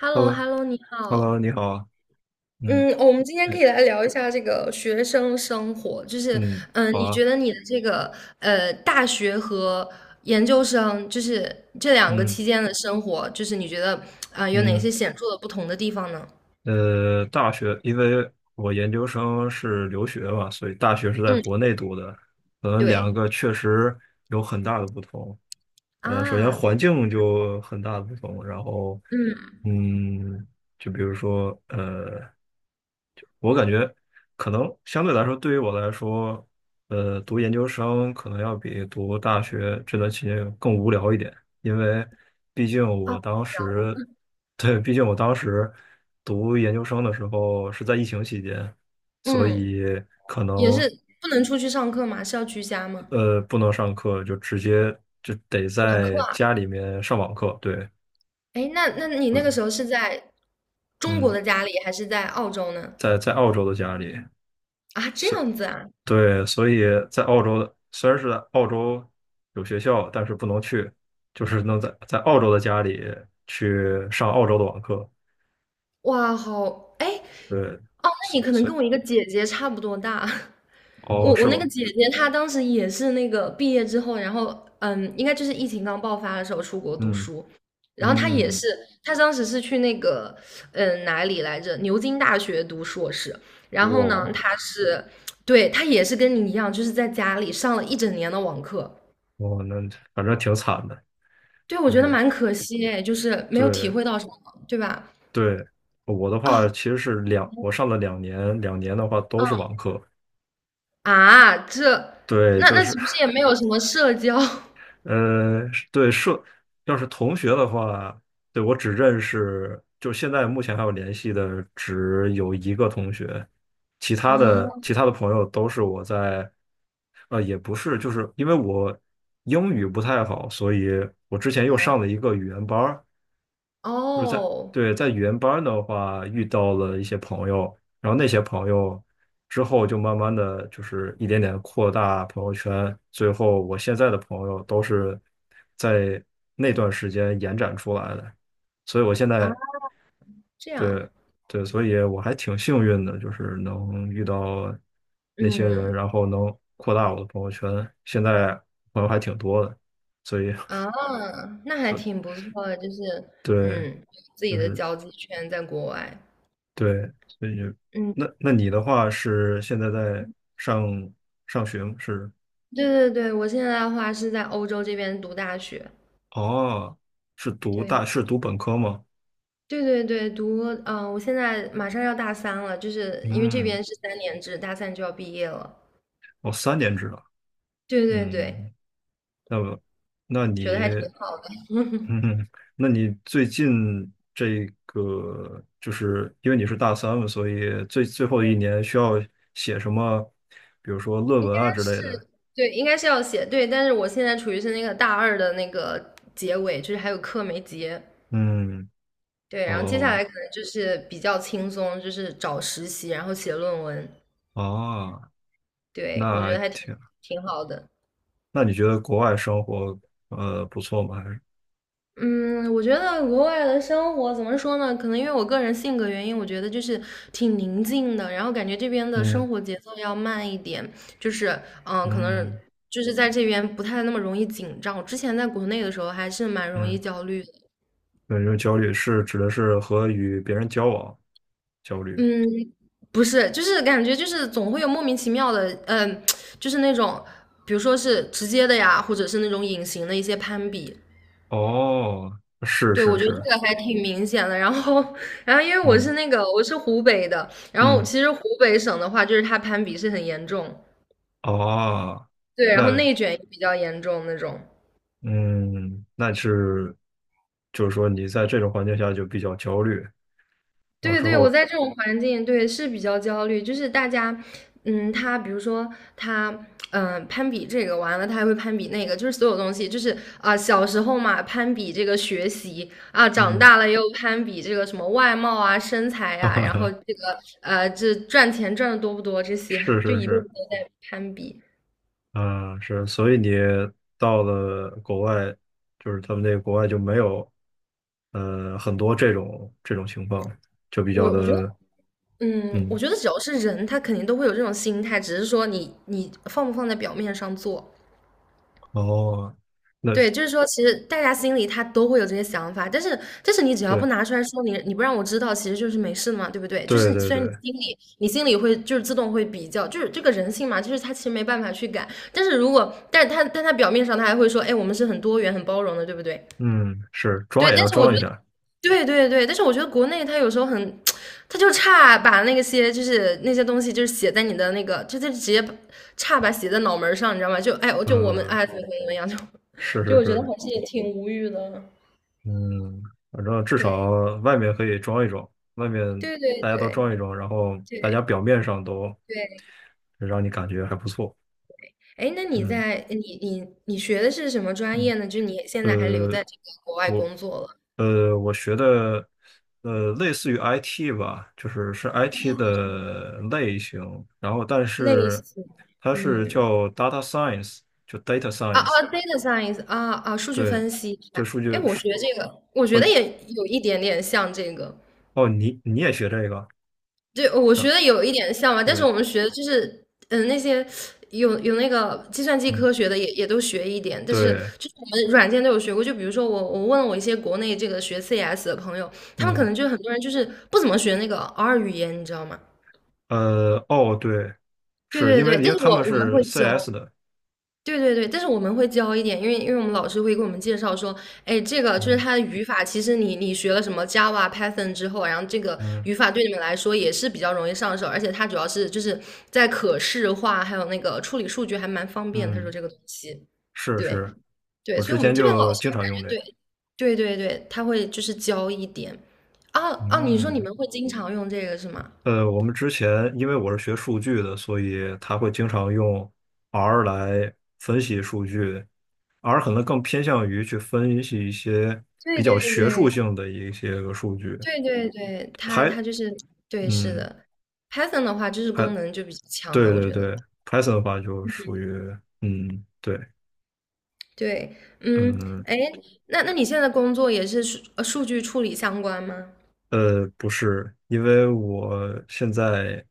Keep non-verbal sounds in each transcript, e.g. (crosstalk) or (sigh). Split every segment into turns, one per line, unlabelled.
h e l l o h e l l o 你
Hello，Hello，
好。
你好啊。嗯，
嗯，哦我们今天可
嗯，
以来聊一下这个学生生活，就是，
嗯，好
你
啊。
觉得你的这个大学和研究生，就是这两个
嗯
期间的生活，就是你觉得啊、有哪
嗯，
些显著的不同的地方呢？
大学，因为我研究生是留学嘛，所以大学是在
嗯，
国内读的，可能两
对
个确实有很大的不同。首先
啊，
环境就很大的不同，然后，
嗯
嗯，就比如说，我感觉可能相对来说，对于我来说，读研究生可能要比读大学这段期间更无聊一点。因为毕竟
啊，
我当时，对，毕竟我当时读研究生的时候是在疫情期间，所
嗯，
以可
也
能
是不能出去上课吗？是要居家吗？
不能上课，就直接就得
网课
在
啊？
家里面上网课。对。
哎，那你那个
嗯
时候是在中国
嗯，
的家里，还是在澳洲呢？
在澳洲的家里。
啊，这
所
样子啊。
对，所以在澳洲的，虽然是在澳洲有学校，但是不能去，就是能在澳洲的家里去上澳洲的网课。
哇，好，哎，
对。
哦，那你
所
可能
所
跟
以
我一个姐姐差不多大。(laughs)
哦，
我
是
那个
吗？
姐姐她当时也是那个毕业之后，然后应该就是疫情刚爆发的时候出国读
嗯。
书，然后她也
嗯，
是，她当时是去那个哪里来着，牛津大学读硕士，然后呢，
我
对她也是跟你一样，就是在家里上了一整年的网课，
我那反正挺惨的。
对，我
就
觉得
是
蛮可惜哎，就是没有体
对
会到什么，对吧？
对，我的
啊，
话
嗯
其实是我上了两年，两年的话都是网课。
啊，
对，
那
就
那
是
岂不是也没有什么社交 (laughs)
呃，对社，要是同学的话，对，我只认识，就现在目前还有联系的只有一个同学，其他的
啊？
朋友都是我在，也不是，就是因为我英语不太好，所以我之前又上了一个语言班儿。
哦
在语言班的话，遇到了一些朋友，然后那些朋友之后就慢慢的，就是一点点扩大朋友圈，最后我现在的朋友都是在那段时间延展出来的，所以我现
啊，
在
这样，
对对，所以我还挺幸运的，就是能遇到那些人，
嗯
然后能扩大我的朋友圈，现在朋友还挺多的。所以
啊，那
(laughs)
还
所以
挺不错的，就是
对。
嗯，自己
就
的
是。
交际圈在国外，
对，所以就
嗯，
那你的话是现在在上上学吗？是
对对对，我现在的话是在欧洲这边读大学，
哦，是读大
对
是读本科吗？
对对对，我现在马上要大三了，就是因为这
嗯，
边是3年制，大三就要毕业了，
哦，三年制了。
对对
嗯，
对，
那么那
觉得
你
还挺好的，
嗯，
(laughs)
(laughs) 那你最近这个，就是因为你是大三嘛，所以最最后一年需要写什么，比如说论
应
文
该
啊之类的。
是，对，应该是要写，对，但是我现在处于是那个大二的那个结尾，就是还有课没结，
嗯，
对，然后接下
哦，
来可能就是比较轻松，就是找实习，然后写论文，
啊，
对，
那
我觉
还
得还挺
挺。
好的。
那你觉得国外生活不错吗？还是
嗯，我觉得国外的生活怎么说呢？可能因为我个人性格原因，我觉得就是挺宁静的，然后感觉这边的
嗯
生活节奏要慢一点，就是可能
嗯
就是在这边不太那么容易紧张。我之前在国内的时候还是蛮容易
嗯，
焦虑的，
对，就是焦虑，是指的是和与别人交往焦虑。
嗯，不是，就是感觉就是总会有莫名其妙的，就是那种，比如说是直接的呀，或者是那种隐形的一些攀比。
哦，是
对，我
是
觉得这
是。
个还挺明显的。然后，因为
嗯
我是湖北的，然后
嗯，
其实湖北省的话，就是它攀比是很严重，
哦，
对，然后
那
内卷也比较严重那种。
嗯，那是就是说你在这种环境下就比较焦虑，然后
对
之
对，我
后
在这种环境，对，是比较焦虑，就是大家，他比如说他，攀比这个完了，他还会攀比那个，就是所有东西，就是啊、小时候嘛，攀比这个学习啊，长
嗯，
大了又攀比这个什么外貌啊、身材
(laughs) 哈
呀，
哈
然后
哈，
这个这赚钱赚的多不多这些，
是
就
是
一辈子
是。
都在攀比。
嗯，是。所以你到了国外，就是他们那个国外就没有，很多这种情况，就比较
我我觉得，
的，
我
嗯，
觉得只要是人，他肯定都会有这种心态，只是说你放不放在表面上做。
哦，那是
对，就是说，其实大家心里他都会有这些想法，但是你只要不
对
拿出来说你，你不让我知道，其实就是没事嘛，对不对？就是
对
你
对
虽然你
对。
心里会就是自动会比较，就是这个人性嘛，就是他其实没办法去改。但是如果但是他但他表面上他还会说，哎，我们是很多元很包容的，对不对？
嗯，是装
对，
也
但
要
是我觉
装一
得
下，
对对对，但是我觉得国内它有时候很，(tsk) 它就差把那些就是那些东西就是写在你的那个，就直接把差把写在脑门儿上，你知道吗？就哎，我就我们
呃，
哎怎么怎么样，
是
就
是
我觉得
是。
还是也挺无语的。
嗯，反正至
对
少外面可以装一装，外面
对对
大家都
对
装一装，然后大
对
家表面上都
对，
让你感觉还不错。
哎，那你
嗯
在你学的是什么专
嗯，
业呢？就你现在还留
呃。
在这个国外
我
工作了，
我学的类似于 IT 吧，就是是 IT 的类型，然后但
类
是
似，
它是
嗯
叫 data science，就 data
啊
science。
啊，data science 啊啊，数据
对，
分析是
这
吧？
数
哎，
据
我
是
学这个，我觉
哦
得也有一点点像这个，
哦，你你也学这个？
对，我学
嗯，
的有一点像吧。但是
也
我们学的就是，那些有那个计算机
嗯，
科学的也都学一点，但是
对
就是我们软件都有学过。就比如说我问了我一些国内这个学 CS 的朋友，他们可
嗯，
能就很多人就是不怎么学那个 R 语言，你知道吗？
哦，对。
对
是
对
因为
对，但是
他们
我们
是
会教。
CS 的。
对对对，但是我们会教一点，因为我们老师会给我们介绍说，哎，这个就是
嗯
它的语法，其实你学了什么 Java、Python 之后啊，然后这个
嗯
语法对你们来说也是比较容易上手，而且它主要是就是在可视化，还有那个处理数据还蛮方便。他说
嗯，
这个东西，
是
对
是，
对，
我
所
之
以我
前
们这边老
就
师
经
我
常
感
用
觉
这个。
对对对对，他会就是教一点。啊啊，你说你
嗯。
们会经常用这个是吗？
我们之前因为我是学数据的，所以他会经常用 R 来分析数据。R 可能更偏向于去分析一些比
对
较
对
学术
对
性的一些个数据。
对对对，
Py，
它就是对，是
嗯
的。Python 的话，就是功
，Py，
能就比较强了，
对
我觉
对
得。
对，Python 的话就属于，嗯，对。
对，嗯，
嗯，
哎，那你现在的工作也是数据处理相关吗？
不是，因为我现在，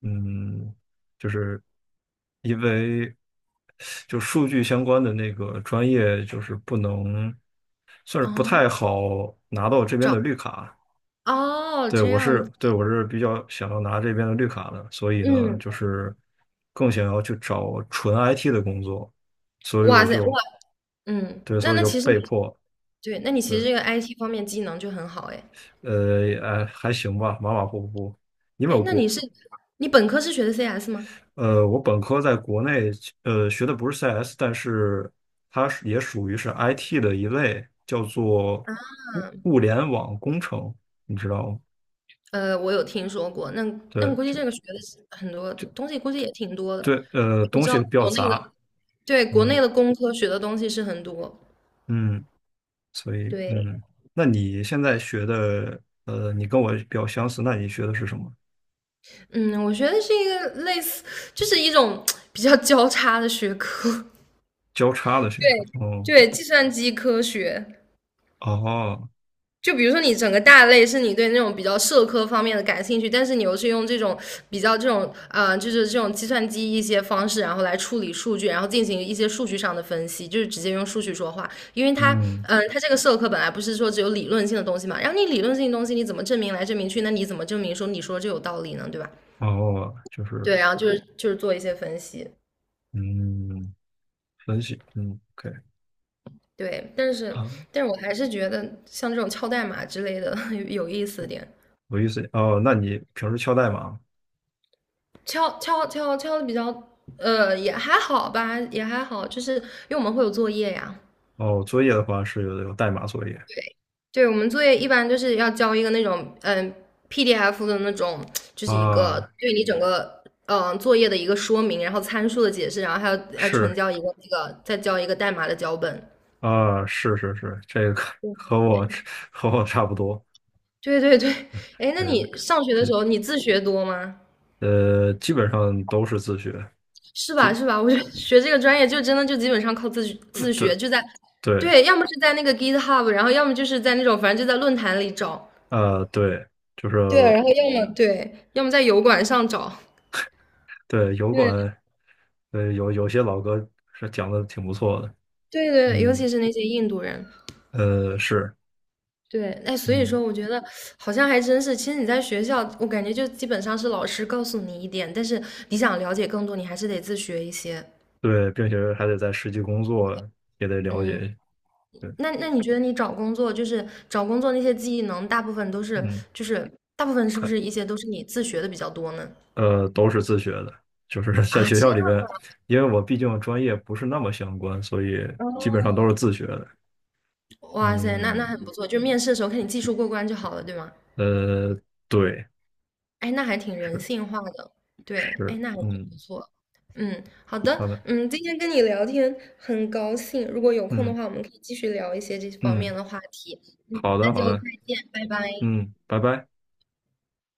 嗯，就是因为就数据相关的那个专业就是不能。算是不
哦，
太好拿到这边
找
的绿卡。
哦，
对，
这样子，
对，我是比较想要拿这边的绿卡的，所以呢，
嗯，
就是更想要去找纯 IT 的工作，所以
哇
我
塞，哇，
就，
嗯，
对，
那
所以
那
就
其实
被
你
迫，
对，那你其实
对，
这个 IT 方面技能就很好哎，
哎，还行吧，马马虎虎。因为
哎，
我
那你
过。
是你本科是学的 CS 吗？
我本科在国内，学的不是 CS，但是它是也属于是 IT 的一类，叫做物联网工程，你知道吗？
我有听说过，那
对，
估计这个学的是很多
就。
东西，估计也挺多的。
对，
我
东
知道
西比较
国内的
杂。
对，国内
嗯
的工科学的东西是很多。
嗯，所以
对，
嗯，那你现在学的，你跟我比较相似，那你学的是什么？
嗯，我觉得是一个类似，就是一种 (tsk) 比较交叉的学科。(laughs)
交叉的学科，
对，
哦
对，计算机科学。
哦，
就比如说你整个大类是你对那种比较社科方面的感兴趣，但是你又是用这种比较这种就是这种计算机一些方式，然后来处理数据，然后进行一些数据上的分析，就是直接用数据说话。因为
嗯，
它这个社科本来不是说只有理论性的东西嘛，然后你理论性的东西你怎么证明来证明去？那你怎么证明说你说这有道理呢？对吧？
哦，就是
对，然后就是做一些分析。
嗯，分析，嗯，OK。
对，但是
啊，
我还是觉得像这种敲代码之类的 (laughs) 有意思
对，
点。
有意思哦。那你平时敲代码吗？
敲敲的比较，也还好吧，也还好，就是因为我们会有作业呀，
哦，作业的话是有代码作业，
对我们作业一般就是要交一个那种PDF 的那种，就是一个
啊，
对你整个作业的一个说明，然后参数的解释，然后还要纯
是
交一个那个再交一个代码的脚本。
啊，是是是，这个 (laughs) 和和我和我差不多。
对对对对对对，
(laughs)
(laughs) 哎，那
嗯，
你上学
可
的时
以，
候你自学多吗？
基本上都是自学。
是
基
吧？是吧？我觉得 (laughs) 学这个专业就真的就基本上靠自学，
对，
就在
对，
对，要么是在那个 GitHub，然后要么就是在那种反正就在论坛里找，
啊，对，就是
对，然后要么对，要么在油管上找，
对，油管，
对
有有些老哥是讲的挺不错的。
对对，尤
嗯
其是那些印度人，
呃是，
对，哎，所以
嗯，
说我觉得好像还真是，其实你在学校，我感觉就基本上是老师告诉你一点，但是你想了解更多，你还是得自学一些，
对。并且还得在实际工作也得了解
嗯。
一下，对，
那你觉得你找工作，就是找工作那些技能，大部分都是
嗯，
就是大部分是不是一
看
些都是你自学的比较多呢？
都是自学的，就是 (laughs) 在
啊，
学
其
校
实
里边，因为我毕竟专业不是那么相关，所以基本上都
哦，
是自学的。
哇塞，那
嗯
很不错，就面试的时候看你技术过关就好了，对吗？
呃对，
哎，那还挺人
是
性化的，对，哎，
是，
那还挺不
嗯，
错。嗯，好的，
好的。
今天跟你聊天很高兴，如果有空的
嗯
话，我们可以继续聊一些这方面
嗯，
的话题。
好
那
的
就
好
再
的。
见，拜拜。
嗯，拜拜。